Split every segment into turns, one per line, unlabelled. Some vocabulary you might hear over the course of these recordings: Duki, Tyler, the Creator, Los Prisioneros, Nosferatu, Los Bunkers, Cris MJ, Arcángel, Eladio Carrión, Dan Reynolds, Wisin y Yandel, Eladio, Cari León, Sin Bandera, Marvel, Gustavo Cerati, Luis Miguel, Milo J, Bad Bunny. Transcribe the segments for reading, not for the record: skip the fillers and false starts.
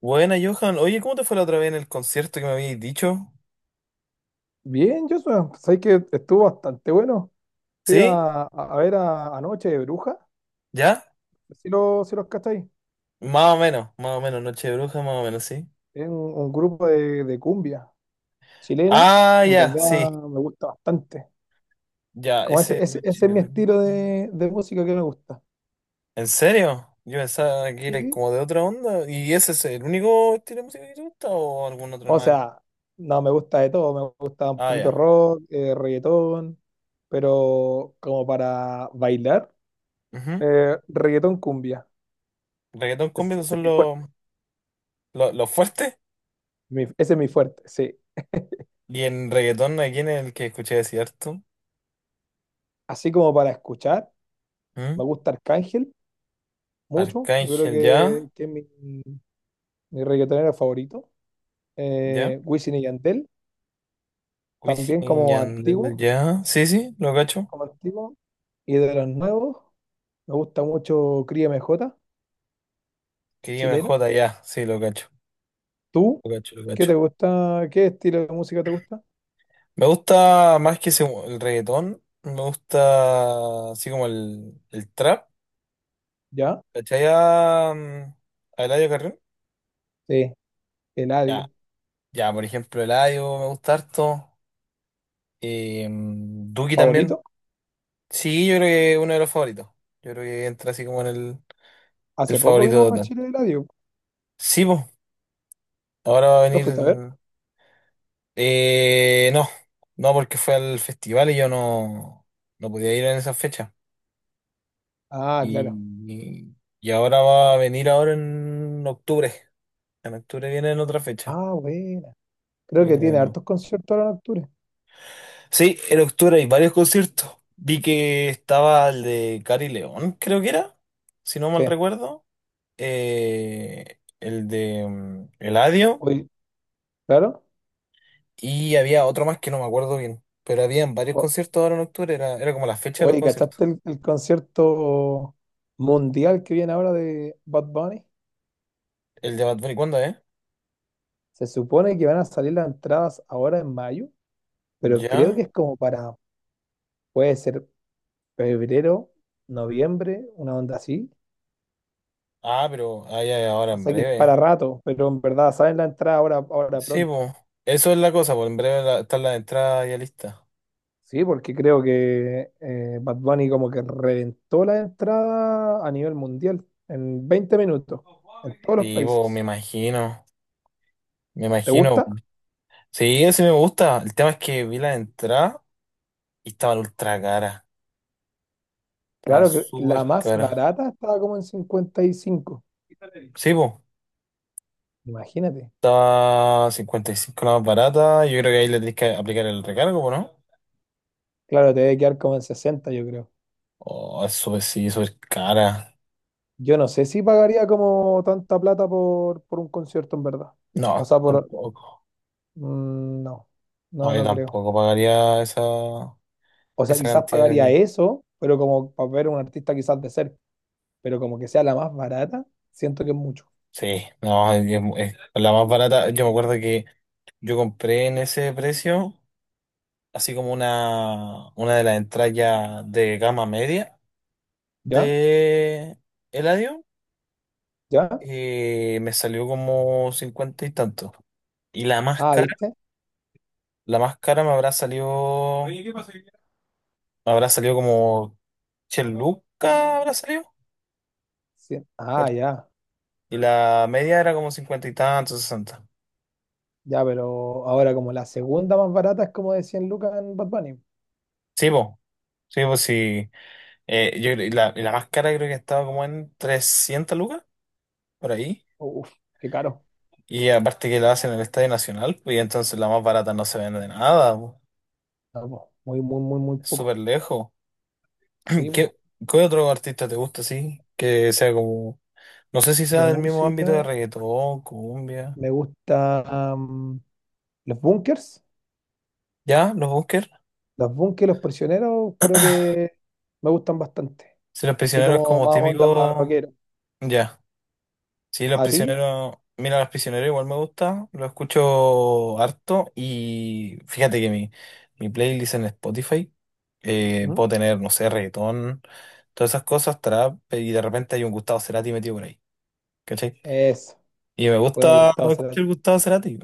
Buena, Johan. Oye, ¿cómo te fue la otra vez en el concierto que me habías dicho?
Bien, Joshua, pues ahí que estuvo bastante bueno. Fui
¿Sí?
a, a ver a, Anoche de Bruja,
¿Ya?
si los cacháis.
Más o menos, más o menos. Noche de bruja, más o menos, sí.
Es un grupo de cumbia chileno,
Ah,
en
ya, sí.
verdad me gusta bastante.
Ya,
Como
ese
ese, ese,
Noche
ese es mi
de
estilo
bruja.
de música que me gusta.
¿En serio? Yo pensaba que era
Sí.
como de otra onda. ¿Y ese es el único estilo de música que te gusta o algún otro
O
más?
sea, no me gusta de todo, me gusta un
Ah,
poquito
ya.
rock, reggaetón, pero como para bailar,
Ujú.
reggaetón cumbia.
Reggaetón
Ese,
cumbia, esos
ese es
son
mi
los,
fuerte,
los fuertes.
ese es mi fuerte, sí.
Y en reggaetón, aquí en el que escuché decir harto.
Así como para escuchar.
¿Mm?
Me gusta Arcángel mucho. Yo creo
Arcángel, ya.
que es mi reggaetonero favorito.
¿Ya?
Wisin y Yandel,
Wisin
también
y
como
Yandel,
antiguo,
ya. Sí, sí, lo cacho.
como antiguo. Y de los nuevos, me gusta mucho Cris MJ,
Quería
chileno.
MJ, ya. Sí, lo cacho.
¿Tú?
Lo cacho, lo
¿Qué
cacho.
te gusta? ¿Qué estilo de música te gusta?
Me gusta más que el reggaetón. Me gusta así como el trap.
¿Ya?
¿Cachai? A Eladio Carrión.
Sí,
Ya.
Eladio.
Ya, por ejemplo, Eladio me gusta harto. Duki también.
¿Favorito?
Sí, yo creo que es uno de los favoritos. Yo creo que entra así como en el
Hace poco
favorito
vino a
total.
Chile Eladio.
Sí, pues. Ahora va a
¿Lo
venir.
fuiste a ver?
No, no, porque fue al festival y yo no podía ir en esa fecha.
Ah,
Y,
claro.
y y ahora va a venir ahora en octubre. En octubre viene en otra fecha.
Ah, buena. Creo que
Viene de
tiene
nuevo.
hartos conciertos ahora en octubre.
Sí, en octubre hay varios conciertos. Vi que estaba el de Cari León, creo que era, si no mal
Sí.
recuerdo. El de Eladio.
Hoy, claro.
Y había otro más que no me acuerdo bien. Pero habían varios conciertos ahora en octubre. Era como la fecha de los
Oye,
conciertos.
¿cachaste el concierto mundial que viene ahora de Bad Bunny?
El de Bad Bunny, ¿cuándo es?
Se supone que van a salir las entradas ahora en mayo, pero creo que
¿Ya?
es como para, puede ser febrero, noviembre, una onda así.
Ah, pero ya, ya, ahora
O
en
sea que es
breve.
para rato, pero en verdad salen las entradas ahora, ahora
Sí,
pronto.
pues. Eso es la cosa, pues en breve está la entrada ya lista.
Sí, porque creo que Bad Bunny como que reventó la entrada a nivel mundial en 20 minutos, en todos los
Sí, pues me
países.
imagino. Me
¿Te
imagino,
gusta?
po. Sí, ese me gusta. El tema es que vi la entrada y estaban ultra caras. Estaban
Claro, que
súper
la más
caras.
barata estaba como en 55,
Sí, pues.
imagínate.
Estaba 55 la más barata. Yo creo que ahí le tenés que aplicar el recargo, po, ¿no?
Claro, te debe quedar como en 60, yo creo.
Oh, es súper, sí, súper cara.
Yo no sé si pagaría como tanta plata por un concierto, en verdad. O
No,
sea, por...
tampoco.
No,
No,
no,
yo
no creo.
tampoco pagaría esa,
O sea,
esa
quizás
cantidad de
pagaría
plata.
eso, pero como para ver a un artista quizás de cerca, pero como que sea la más barata, siento que es mucho.
Sí, no, es- la más barata. Yo me acuerdo que yo compré en ese precio, así como una de las entradas ya de gama media
¿Ya?
de Eladio,
¿Ya?
me salió como 50 y tanto. Y la más
Ah,
cara,
¿viste?
la más cara me habrá salido. Oye, ¿qué pasa? Me habrá salido como 100 lucas, habrá salido.
Sí. Ah,
¿Cachai?
ya.
Y la media era como 50 y tanto, 60.
Ya, pero ahora como la segunda más barata es como de 100 lucas en Bad Bunny.
Sí, pues, sí, pues sí. Y la más cara creo que estaba como en 300 lucas, por ahí.
Uf, qué caro.
Y aparte que la hacen en el Estadio Nacional, pues, y entonces la más barata no se vende nada, po.
No, po, muy, muy, muy, muy
Es súper
poco.
lejos.
Sí, po.
¿Qué, qué otro artista te gusta así? Que sea como, no sé si
De
sea del mismo ámbito
música
de reggaetón, cumbia.
me gusta los Bunkers.
¿Ya? ¿Los Bunkers?
Los Bunkers, Los Prisioneros, creo que me gustan bastante.
Si los
Así
prisioneros es
como
como
más onda
típico,
rockero.
ya. Sí, Los
¿A ti?
Prisioneros, mira, Los Prisioneros igual me gusta, lo escucho harto, y fíjate que mi playlist en Spotify,
¿Mm?
puedo tener, no sé, reggaetón, todas esas cosas, trap, y de repente hay un Gustavo Cerati metido por ahí, ¿cachai?
Eso.
Y me
Bueno,
gusta
Gustavo Cerati.
escuchar Gustavo Cerati,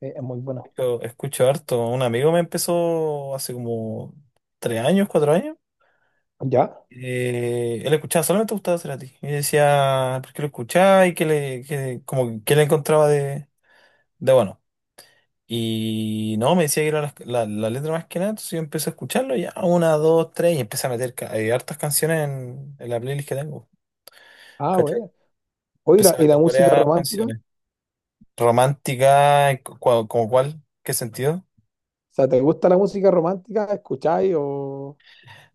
Es muy bueno.
yo escucho harto. Un amigo me empezó hace como 3 años, 4 años.
¿Ya?
Él escuchaba solamente Gustavo Cerati y yo decía, ¿por qué lo escuchaba? Y que le encontraba de bueno. Y no, me decía que era la letra más que nada. Entonces yo empecé a escucharlo ya, una, dos, tres, y empecé a meter hartas canciones en la playlist que tengo.
Ah,
¿Cachai?
bueno. Oye,
Empecé a
¿y la
meter
música
varias
romántica? O
canciones. Romántica, y ¿como cuál? ¿Qué sentido?
sea, ¿te gusta la música romántica? ¿Escucháis o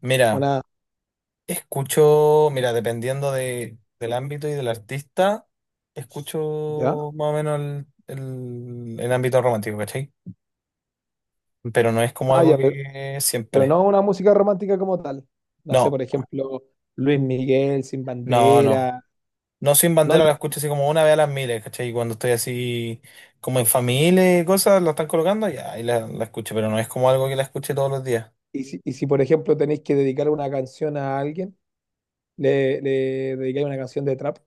Mira,
una...
escucho, mira, dependiendo del ámbito y del artista,
¿Ya?
escucho más o menos el ámbito romántico, ¿cachai? Pero no es como
Ah,
algo
ya,
que
pero
siempre.
no una música romántica como tal. No sé,
No,
por ejemplo, Luis Miguel, Sin
no, no.
Bandera.
No, Sin
No,
Bandera la escucho así como una vez a las miles, ¿cachai? Y cuando estoy así como en familia y cosas, la están colocando, ya ahí la escucho, pero no es como algo que la escuche todos los días.
y si, por ejemplo tenéis que dedicar una canción a alguien, le dedicáis una canción de trap,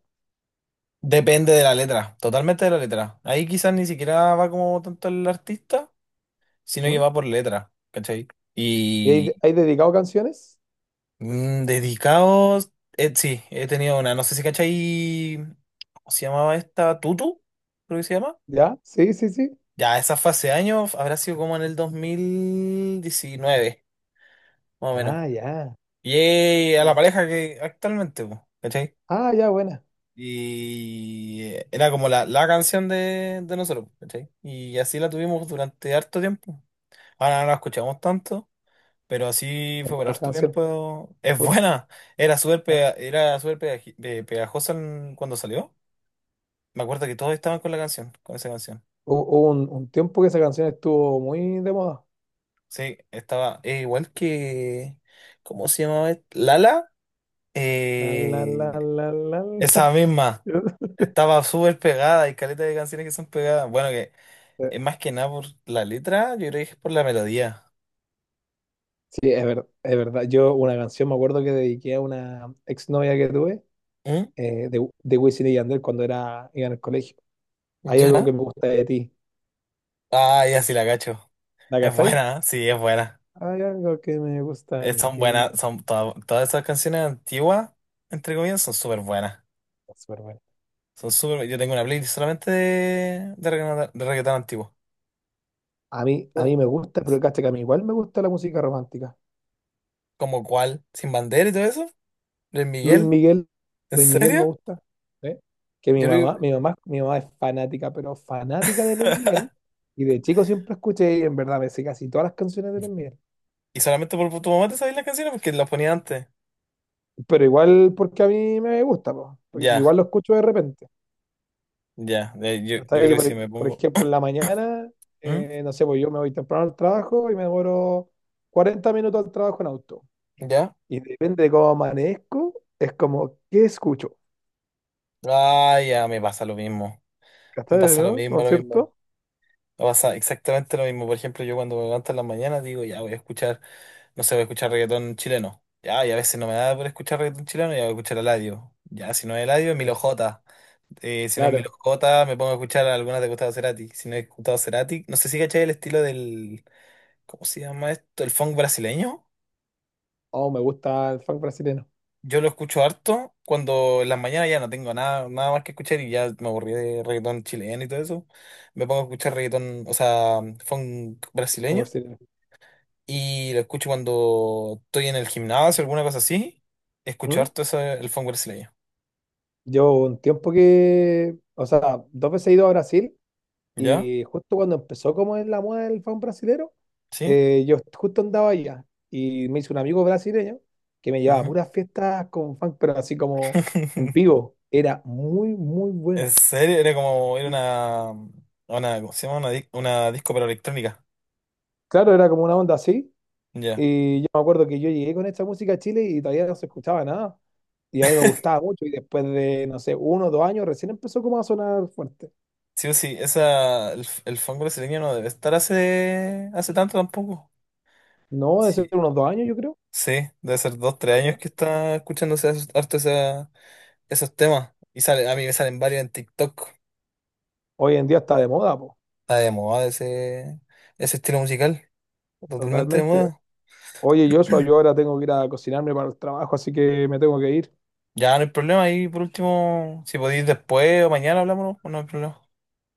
Depende de la letra, totalmente de la letra. Ahí quizás ni siquiera va como tanto el artista, sino que
¿no?
va por letra, ¿cachai?
¿Y hay,
Y
hay dedicado canciones?
dedicados, sí, he tenido una, no sé si cachai, ¿cómo se llamaba esta? Tutu, creo que se llama.
¿Ya? Sí, sí, sí.
Ya, esa fue hace años, habrá sido como en el 2019, más o menos.
Ah, ya.
Y a la
Ya.
pareja que actualmente, po, ¿cachai?
Ah, ya, buena.
Y era como la canción de nosotros, po, ¿cachai? Y así la tuvimos durante harto tiempo. Ahora no la escuchamos tanto, pero así
Es
fue por
buena esa
harto
canción.
tiempo.
Me
Es
gusta.
buena. Era súper
Hu-
pega- era súper pegajosa cuando salió. Me acuerdo que todos estaban con la canción, con esa canción.
Hubo un tiempo que esa canción estuvo muy de moda.
Sí, estaba, igual que... ¿Cómo se llamaba? Lala.
La, la, la,
Eh,
la, la, la.
esa misma. Estaba súper pegada, hay caleta de canciones que son pegadas. Bueno, que es más que nada por la letra, yo creo que es por la melodía.
Sí, es verdad, es verdad. Yo una canción me acuerdo que dediqué a una exnovia que tuve
¿Mm?
de Wisin y Yandel cuando era, iba en el colegio. Hay algo que
¿Ya?
me gusta de ti.
Ah, ya, sí la cacho.
¿La
Es
cachai?
buena, ¿eh? Sí, es buena.
Hay algo que me gusta de
Son
ti.
buenas, son todas esas canciones antiguas, entre comillas, son súper buenas.
Súper bueno.
Son súper, yo tengo una playlist solamente de reggaetón, de reggaetón antiguo.
A
Bueno,
mí me gusta, pero cacha que a mí igual me gusta la música romántica.
¿como cuál? ¿Sin Bandera y todo eso? ¿Luis
Luis
Miguel?
Miguel,
¿En
Luis Miguel me
serio?
gusta. ¿Eh? Que mi
Yo lo...
mamá, mi mamá, mi mamá es fanática, pero fanática de Luis Miguel. Y de chico siempre escuché, y en verdad me sé casi todas las canciones de Luis Miguel.
Y solamente por tu mamá te sabías las canciones porque las ponía antes.
Pero igual porque a mí me gusta, po, porque
Ya.
igual lo escucho de repente.
Ya, yo
Hasta
creo
que yo,
que si me
por
pongo.
ejemplo, en la mañana,
¿Mm?
no sé, pues yo me voy temprano al trabajo y me demoro 40 minutos al trabajo en auto.
¿Ya?
Y depende de cómo amanezco, es como, ¿qué escucho?
Ah, ya, me pasa lo mismo. Me
¿Cachai,
pasa lo
no? ¿No
mismo,
es
lo mismo.
cierto?
Me pasa exactamente lo mismo. Por ejemplo, yo cuando me levanto en la mañana digo, ya voy a escuchar, no sé, voy a escuchar reggaetón chileno. Ya, y a veces no me da por escuchar reggaetón chileno, ya voy a escuchar Eladio. Ya, si no es Eladio, es Milo
Eso.
J. Si no es Milo
Claro.
J, me pongo a escuchar algunas de Gustavo Cerati. Si no es Gustavo Cerati, no sé si cachai el estilo del. ¿Cómo se llama esto? ¿El funk brasileño?
Oh, me gusta el funk brasileño.
Yo lo escucho harto cuando en las mañanas ya no tengo nada, nada más que escuchar y ya me aburrí de reggaetón chileno y todo eso. Me pongo a escuchar reggaetón, o sea, funk
Como
brasileño,
brasileño.
y lo escucho cuando estoy en el gimnasio o alguna cosa así. Escucho
¿Mm?
harto eso, el funk brasileño.
Yo un tiempo que, o sea, dos veces he ido a Brasil
¿Ya?
y justo cuando empezó como es la moda del funk brasilero,
¿Sí?
yo justo andaba allá y me hizo un amigo brasileño que me llevaba a
Ujú.
puras fiestas con funk, pero así como en vivo. Era muy, muy
En
bueno.
serio, era como, era una, ¿cómo se llama? Una disco pero electrónica.
Claro, era como una onda así.
Ya.
Y yo me acuerdo que yo llegué con esta música a Chile y todavía no se escuchaba nada. Y a mí me gustaba mucho. Y después de, no sé, uno o dos años, recién empezó como a sonar fuerte.
Sí o sí, el funk brasileño no debe estar hace tanto tampoco.
No, de ser
Sí.
unos dos años, yo creo.
Sí, debe ser 2, 3 años
¿Eh?
que está escuchándose harto esos temas. Y sale, a mí me salen varios en TikTok.
Hoy en día está de moda, po,
Está de moda ese estilo musical. Totalmente de
totalmente.
moda.
Oye, Joshua, yo ahora tengo que ir a cocinarme para el trabajo, así que me tengo que ir.
Ya no hay problema. Ahí por último, si podéis después o mañana hablamos, no, no hay problema.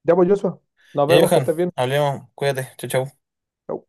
Ya, pues, Joshua, nos
Ya,
vemos, que
Johan,
estés bien.
hablemos. Cuídate. Chau, chau.
Chau.